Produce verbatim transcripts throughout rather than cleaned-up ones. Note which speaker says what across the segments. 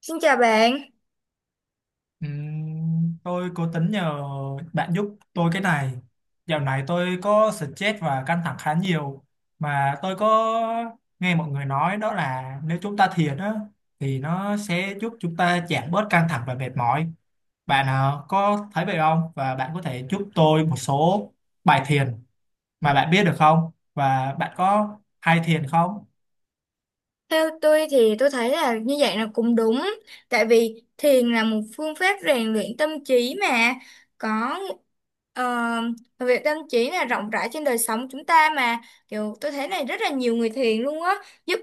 Speaker 1: Xin chào bạn.
Speaker 2: Ừm, tôi cố tính nhờ bạn giúp tôi cái này. Dạo này tôi có stress và căng thẳng khá nhiều mà tôi có nghe mọi người nói đó là nếu chúng ta thiền á thì nó sẽ giúp chúng ta giảm bớt căng thẳng và mệt mỏi. Bạn ờ, có thấy vậy không? Và bạn có thể giúp tôi một số bài thiền mà bạn biết được không? Và bạn có hay thiền không?
Speaker 1: Theo tôi thì tôi thấy là như vậy là cũng đúng. Tại vì thiền là một phương pháp rèn luyện tâm trí mà có ờ, việc tâm trí là rộng rãi trên đời sống chúng ta mà kiểu tôi thấy này rất là nhiều người thiền luôn á giúp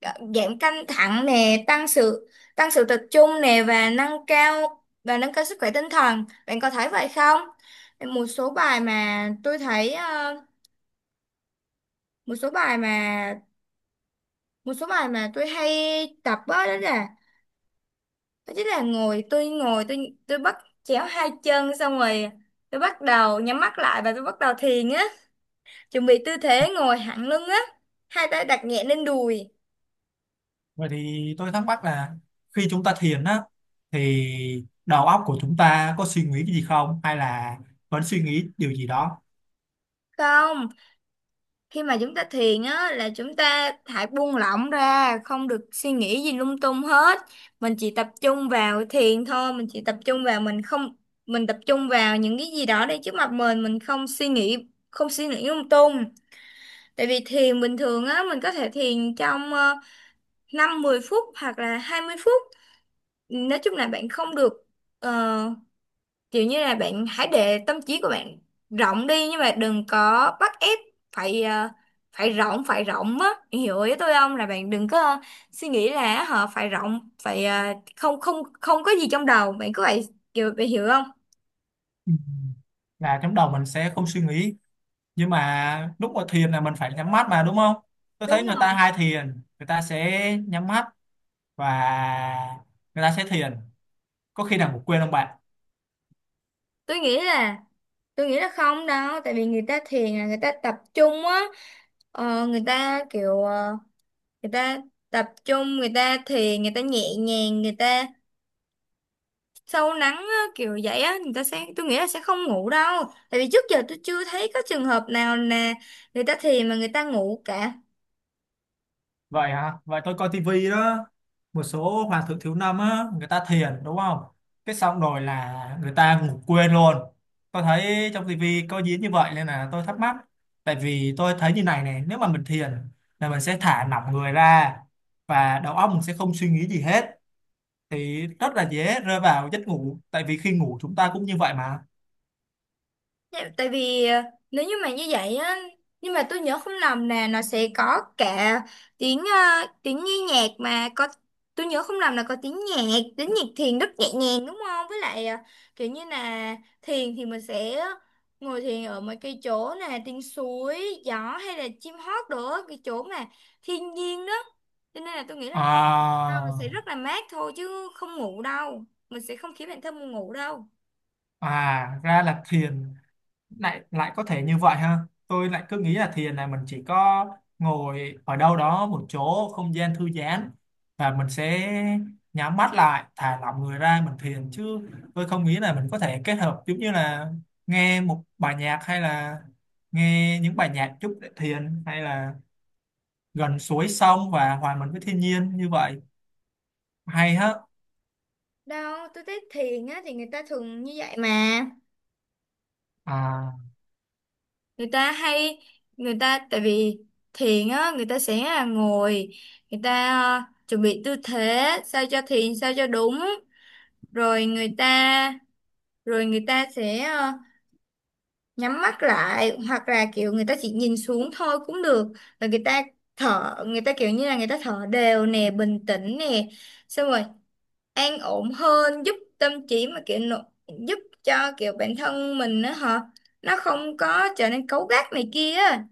Speaker 1: ờ, giảm căng thẳng nè, tăng sự tăng sự tập trung nè và nâng cao và nâng cao sức khỏe tinh thần. Bạn có thấy vậy không? Một số bài mà tôi thấy ờ, một số bài mà một số bài mà tôi hay tập á, đó là đó chính là ngồi tôi ngồi tôi tôi bắt chéo hai chân, xong rồi tôi bắt đầu nhắm mắt lại và tôi bắt đầu thiền á, chuẩn bị tư thế ngồi thẳng lưng á, hai tay đặt nhẹ lên đùi.
Speaker 2: Vậy thì tôi thắc mắc là khi chúng ta thiền á thì đầu óc của chúng ta có suy nghĩ cái gì không hay là vẫn suy nghĩ điều gì đó.
Speaker 1: Không, khi mà chúng ta thiền á là chúng ta hãy buông lỏng ra, không được suy nghĩ gì lung tung hết. Mình chỉ tập trung vào thiền thôi, mình chỉ tập trung vào mình, không, mình tập trung vào những cái gì đó đang trước mặt mình mình không suy nghĩ, không suy nghĩ lung tung. Tại vì thiền bình thường á, mình có thể thiền trong uh, năm đến mười phút hoặc là hai mươi phút. Nói chung là bạn không được, ờ, kiểu như là bạn hãy để tâm trí của bạn rộng đi, nhưng mà đừng có bắt ép phải ờ, phải rộng, phải rộng á. Bạn hiểu ý tôi không? Là bạn đừng có ờ, suy nghĩ là họ phải rộng, phải ờ, không không không có gì trong đầu. Bạn cứ vậy, kiểu bạn hiểu không?
Speaker 2: Ừ, là trong đầu mình sẽ không suy nghĩ, nhưng mà lúc mà thiền là mình phải nhắm mắt mà đúng không? Tôi thấy
Speaker 1: Đúng
Speaker 2: người ta
Speaker 1: rồi.
Speaker 2: hay thiền, người ta sẽ nhắm mắt và người ta sẽ thiền, có khi nào ngủ quên không bạn?
Speaker 1: Tôi nghĩ là Tôi nghĩ là không đâu, tại vì người ta thiền là người ta tập trung á, ờ, người ta kiểu ờ, người ta tập trung, người ta thiền, người ta nhẹ nhàng, người ta sâu lắng á, kiểu vậy á, người ta sẽ, tôi nghĩ là sẽ không ngủ đâu. Tại vì trước giờ tôi chưa thấy có trường hợp nào là người ta thiền mà người ta ngủ cả.
Speaker 2: Vậy hả? Vậy tôi coi tivi đó. Một số hoàng thượng thiếu năm á, người ta thiền đúng không? Cái xong rồi là người ta ngủ quên luôn. Tôi thấy trong tivi có diễn như vậy nên là tôi thắc mắc. Tại vì tôi thấy như này này, nếu mà mình thiền là mình sẽ thả lỏng người ra và đầu óc mình sẽ không suy nghĩ gì hết. Thì rất là dễ rơi vào giấc ngủ. Tại vì khi ngủ chúng ta cũng như vậy mà.
Speaker 1: Dạ, tại vì ờ, nếu như mà như vậy á, nhưng mà tôi nhớ không lầm là nó sẽ có cả tiếng ờ, tiếng nhi nhạc mà có, tôi nhớ không lầm là có tiếng nhạc, tiếng nhạc thiền rất nhẹ nhàng đúng không, với lại ờ, kiểu như là thiền thì mình sẽ ngồi thiền ở mấy cái chỗ nè, tiếng suối gió hay là chim hót nữa, cái chỗ mà thiên nhiên đó, cho nên là tôi nghĩ là
Speaker 2: À,
Speaker 1: ờ, mình sẽ rất là mát thôi chứ không ngủ đâu, mình sẽ không khiến bản thân mình ngủ đâu.
Speaker 2: à ra là thiền. Lại lại có thể như vậy ha, tôi lại cứ nghĩ là thiền là mình chỉ có ngồi ở đâu đó một chỗ không gian thư giãn và mình sẽ nhắm mắt lại thả lỏng người ra mình thiền chứ, tôi không nghĩ là mình có thể kết hợp giống như là nghe một bài nhạc hay là nghe những bài nhạc chút để thiền hay là gần suối sông và hòa mình với thiên nhiên như vậy, hay hết.
Speaker 1: Đâu, tôi thấy thiền á thì người ta thường như vậy mà.
Speaker 2: À,
Speaker 1: Người ta hay người ta tại vì thiền á người ta sẽ là ngồi, người ta ờ, chuẩn bị tư thế sao cho thiền sao cho đúng, rồi người ta rồi người ta sẽ ờ, nhắm mắt lại hoặc là kiểu người ta chỉ nhìn xuống thôi cũng được. Rồi người ta thở, người ta kiểu như là người ta thở đều nè, bình tĩnh nè. Xong rồi an ổn hơn, giúp tâm trí mà kiểu nỗ- giúp cho kiểu bản thân mình á hả, nó không có trở nên cấu gắt này kia á.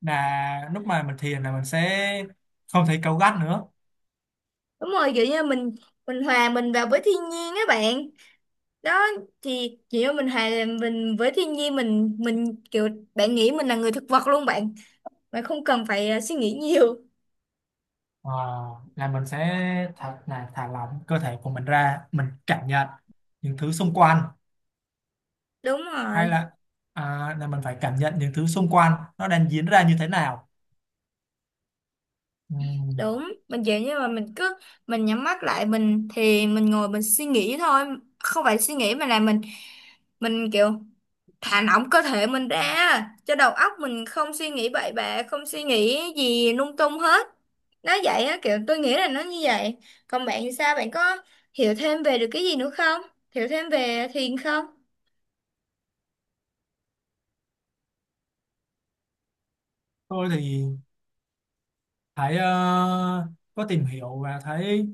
Speaker 2: là lúc mà mình thiền là mình sẽ không thấy cáu gắt nữa.
Speaker 1: Đúng rồi, kiểu như mình mình hòa mình vào với thiên nhiên á bạn. Đó thì kiểu như mình hòa mình với thiên nhiên, mình mình kiểu bạn nghĩ mình là người thực vật luôn bạn, bạn không cần phải ờ, suy nghĩ nhiều.
Speaker 2: Ờ, là mình sẽ thật là thả lỏng cơ thể của mình ra, mình cảm nhận những thứ xung quanh,
Speaker 1: Đúng
Speaker 2: hay
Speaker 1: rồi.
Speaker 2: là à, là mình phải cảm nhận những thứ xung quanh nó đang diễn ra như thế nào. Ừm,
Speaker 1: Đúng, mình kiểu như mà mình cứ mình nhắm mắt lại, mình thì mình ngồi mình suy nghĩ thôi, không phải suy nghĩ mà là mình mình kiểu thả lỏng cơ thể mình ra cho đầu óc mình không suy nghĩ bậy bạ, không suy nghĩ gì lung tung hết. Nó vậy á, kiểu tôi nghĩ là nó như vậy. Còn bạn thì sao, bạn có hiểu thêm về được cái gì nữa không, hiểu thêm về thiền không?
Speaker 2: tôi thì thấy ờ, có tìm hiểu và thấy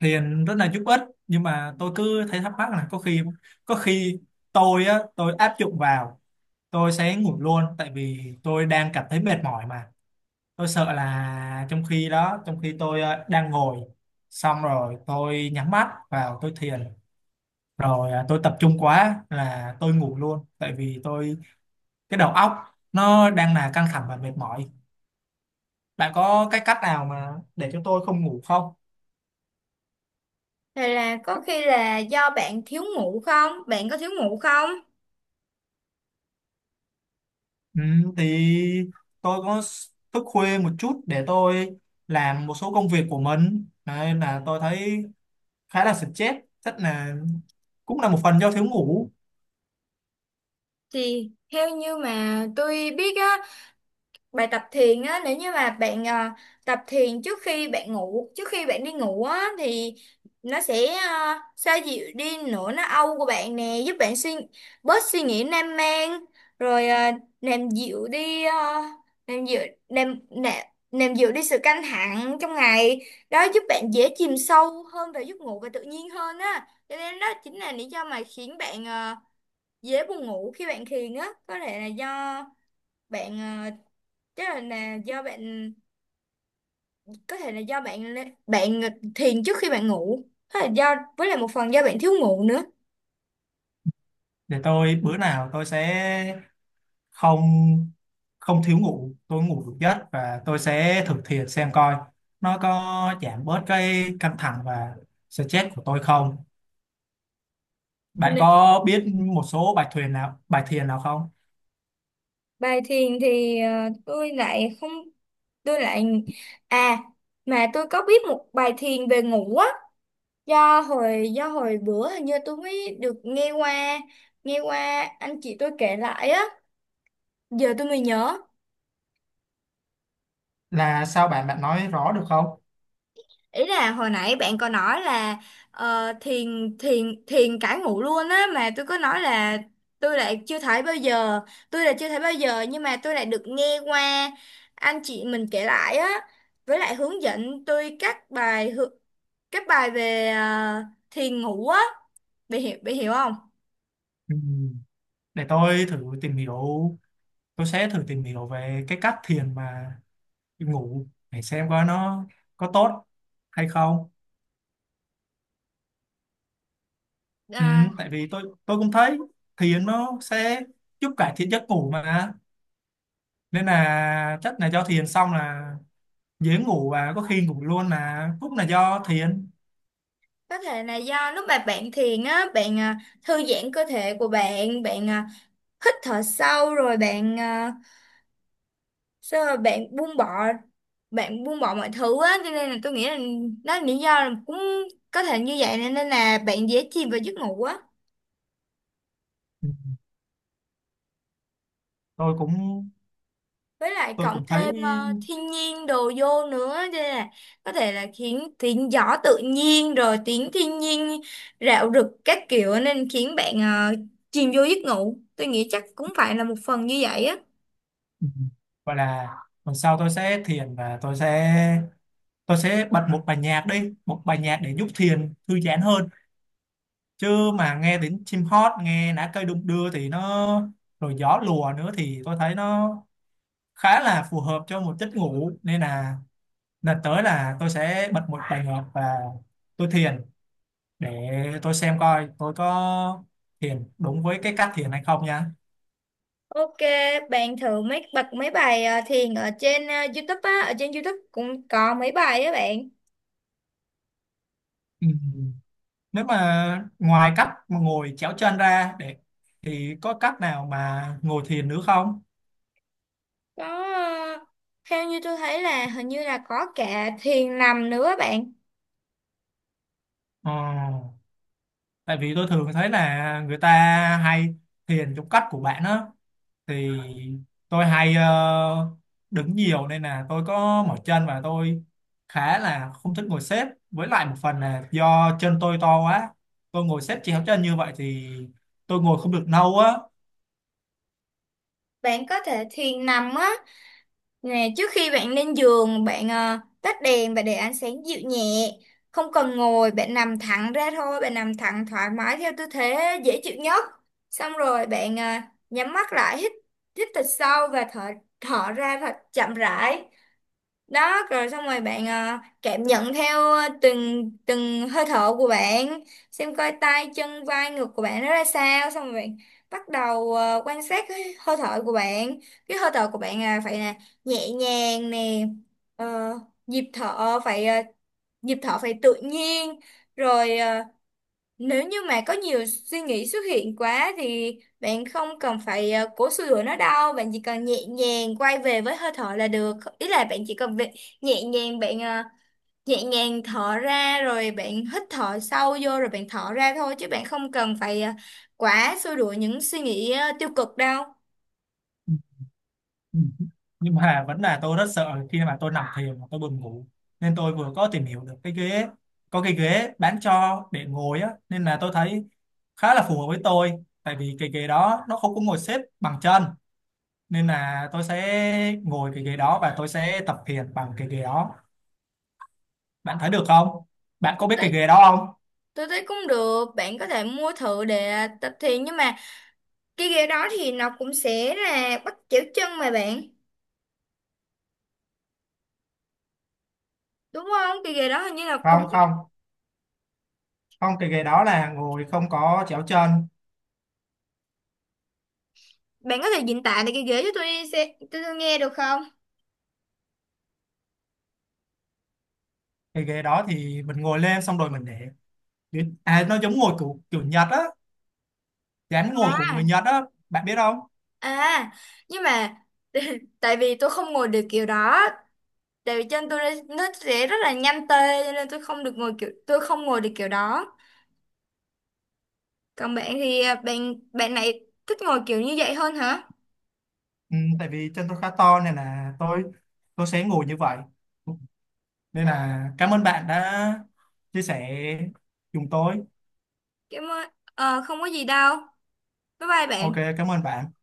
Speaker 2: thiền rất là giúp ích, nhưng mà tôi cứ thấy thắc mắc là có khi có khi tôi á, tôi áp dụng vào tôi sẽ ngủ luôn, tại vì tôi đang cảm thấy mệt mỏi mà. Tôi sợ là trong khi đó, trong khi tôi ờ, đang ngồi xong rồi tôi nhắm mắt vào tôi thiền rồi ờ, tôi tập trung quá là tôi ngủ luôn, tại vì tôi cái đầu óc nó đang là căng thẳng và mệt mỏi. Bạn có cái cách nào mà để cho tôi không ngủ không?
Speaker 1: Hay là có khi là do bạn thiếu ngủ không, bạn có thiếu ngủ không?
Speaker 2: Ừ, thì tôi có s- thức khuya một chút để tôi làm một số công việc của mình. Đấy, nên là tôi thấy khá là stress, chắc là cũng là một phần do thiếu ngủ.
Speaker 1: Thì theo như mà tôi biết á, bài tập thiền á, nếu như mà bạn à, tập thiền trước khi bạn ngủ, trước khi bạn đi ngủ á, thì nó sẽ à, xoa dịu đi nỗi nó âu của bạn nè, giúp bạn suy bớt suy nghĩ nam man, rồi à, làm dịu đi à, làm dịu, làm, nè làm dịu đi sự căng thẳng trong ngày đó, giúp bạn dễ chìm sâu hơn vào giấc ngủ và tự nhiên hơn á, cho nên đó chính là lý do mà khiến bạn à, dễ buồn ngủ khi bạn thiền á. Có thể là do bạn à, chắc là, là do bạn có thể là do bạn lê- bạn thiền trước khi bạn ngủ, hay là do với lại một phần do bạn thiếu ngủ nữa.
Speaker 2: Để tôi bữa nào tôi sẽ không không thiếu ngủ, tôi ngủ đủ giấc và tôi sẽ thực hiện xem coi nó có giảm bớt cái căng thẳng và stress của tôi không. Bạn
Speaker 1: Nè,
Speaker 2: có biết một số bài thiền nào, bài thiền nào không?
Speaker 1: bài thiền thì ờ, tôi lại không, tôi lại, à, mà tôi có biết một bài thiền về ngủ á, do hồi do hồi bữa, hình như tôi mới được nghe qua, nghe qua anh chị tôi kể lại á, giờ tôi mới nhớ.
Speaker 2: Là sao bạn, bạn nói rõ được không?
Speaker 1: Ý là hồi nãy bạn có nói là ờ, thiền thiền thiền cả ngủ luôn á, mà tôi có nói là tôi lại chưa thấy bao giờ, tôi là chưa thấy bao giờ, nhưng mà tôi lại được nghe qua anh chị mình kể lại á, với lại hướng dẫn tôi các bài hư- các bài về ờ, thiền ngủ á, bị hiểu bị hiểu không?
Speaker 2: Ừ, để tôi thử tìm hiểu, tôi sẽ thử tìm hiểu về cái cách thiền mà ngủ để xem coi nó có tốt hay không. Ừ,
Speaker 1: À,
Speaker 2: tại vì tôi tôi cũng thấy thiền nó sẽ giúp cải thiện giấc ngủ mà, nên là chắc là do thiền xong là dễ ngủ, và có khi ngủ luôn là cũng là do thiền.
Speaker 1: có thể là do lúc mà bạn thiền á bạn à, thư giãn cơ thể của bạn, bạn à, hít thở sâu, rồi bạn ờ, sao mà bạn buông bỏ bạn buông bỏ mọi thứ á, cho nên là tôi nghĩ là đó là lý do là cũng có thể như vậy, nên nên là bạn dễ chìm vào giấc ngủ á.
Speaker 2: ừ, tôi cũng
Speaker 1: Với lại
Speaker 2: tôi
Speaker 1: cộng
Speaker 2: cũng thấy.
Speaker 1: thêm ờ, thiên nhiên đồ vô nữa, cho nên là có thể là khiến tiếng gió tự nhiên, rồi tiếng thiên nhiên rạo rực các kiểu, nên khiến bạn ờ, chìm vô giấc ngủ, tôi nghĩ chắc cũng phải là một phần như vậy á.
Speaker 2: Ừ, gọi là tuần sau tôi sẽ thiền và tôi sẽ tôi sẽ bật một bài nhạc đi, một bài nhạc để giúp thiền thư giãn hơn, chứ mà nghe đến chim hót, nghe lá cây đung đưa thì nó, rồi gió lùa nữa thì tôi thấy nó khá là phù hợp cho một giấc ngủ. Nên là lần tới là tôi sẽ bật một bài nhạc và tôi thiền để tôi xem coi tôi có thiền đúng với cái cách thiền hay không nha.
Speaker 1: Ok, bạn thử mấy bật mấy bài ờ, thiền ở trên ờ, YouTube á, ở trên YouTube cũng có mấy bài á bạn.
Speaker 2: Ừ, nếu mà ngoài cách mà ngồi chéo chân ra để thì có cách nào mà ngồi thiền nữa không?
Speaker 1: Có ờ, theo như tôi thấy là hình như là có cả thiền nằm nữa á bạn.
Speaker 2: Ờ, tại vì tôi thường thấy là người ta hay thiền trong cách của bạn á, thì tôi hay ờ, đứng nhiều nên là tôi có mỏi chân và tôi khá là không thích ngồi xếp, với lại một phần là do chân tôi to quá, tôi ngồi xếp chéo chân như vậy thì tôi ngồi không được lâu á
Speaker 1: Bạn có thể thiền nằm á, nè trước khi bạn lên giường bạn ờ, tắt đèn và để ánh sáng dịu nhẹ, không cần ngồi, bạn nằm thẳng ra thôi, bạn nằm thẳng thoải mái theo tư thế dễ chịu nhất. Xong rồi bạn ờ, nhắm mắt lại, hít hít thật sâu và thở thở ra thật chậm rãi. Đó, rồi xong rồi bạn ờ, cảm nhận theo ờ, từng từng hơi thở của bạn, xem coi tay chân vai ngực của bạn nó ra sao, xong rồi bạn bắt đầu ờ, quan sát cái hơi thở của bạn. Cái hơi thở của bạn là phải là nhẹ nhàng nè, ờ, nhịp thở phải ờ, nhịp thở phải tự nhiên. Rồi ờ, nếu như mà có nhiều suy nghĩ xuất hiện quá thì bạn không cần phải ờ, cố xua đuổi nó đâu, bạn chỉ cần nhẹ nhàng quay về với hơi thở là được. Ý là bạn chỉ cần việc nhẹ nhàng, bạn ờ, nhẹ nhàng thở ra rồi bạn hít thở sâu vô rồi bạn thở ra thôi, chứ bạn không cần phải ờ, quá xua đuổi những suy nghĩ ờ, tiêu cực đâu.
Speaker 2: Ừ, ừ, nhưng mà vẫn là tôi rất sợ khi mà tôi nằm thiền mà tôi buồn ngủ, nên tôi vừa có tìm hiểu được cái ghế, có cái ghế bán cho để ngồi á, nên là tôi thấy khá là phù hợp với tôi. Tại vì cái ghế đó nó không có ngồi xếp bằng chân, nên là tôi sẽ ngồi cái ghế đó và tôi sẽ tập thiền bằng cái ghế đó. Bạn thấy được không? Bạn có
Speaker 1: Tôi
Speaker 2: biết cái
Speaker 1: thấy,
Speaker 2: ghế đó không?
Speaker 1: tôi thấy cũng được, bạn có thể mua thử để tập thiền, nhưng mà cái ghế đó thì nó cũng sẽ là bắt chéo chân mà bạn. Đúng không? Cái ghế đó hình như là
Speaker 2: Không
Speaker 1: cũng
Speaker 2: không không, cái ghế đó là ngồi không có chéo chân.
Speaker 1: Bạn có thể diễn tả lại cái ghế cho tôi đi xe, tôi, tôi nghe được không?
Speaker 2: Cái ghế đó thì mình ngồi lên xong rồi mình để, à nó giống ngồi của kiểu Nhật á, dáng ngồi của
Speaker 1: À,
Speaker 2: người Nhật á, bạn biết không?
Speaker 1: à, nhưng mà tại vì tôi không ngồi được kiểu đó, tại vì chân tôi nó nó sẽ rất là nhanh tê, cho nên tôi không được ngồi kiểu tôi không ngồi được kiểu đó. Còn bạn thì à, bạn bạn này thích ngồi kiểu như vậy hơn hả?
Speaker 2: Ừ, tại vì chân tôi khá to nên là tôi tôi sẽ ngồi như vậy. Nên là cảm ơn bạn đã chia sẻ cùng tôi.
Speaker 1: Cảm ơn. Ờ, không có gì đâu. Bye bye
Speaker 2: Ok,
Speaker 1: bạn.
Speaker 2: cảm ơn bạn.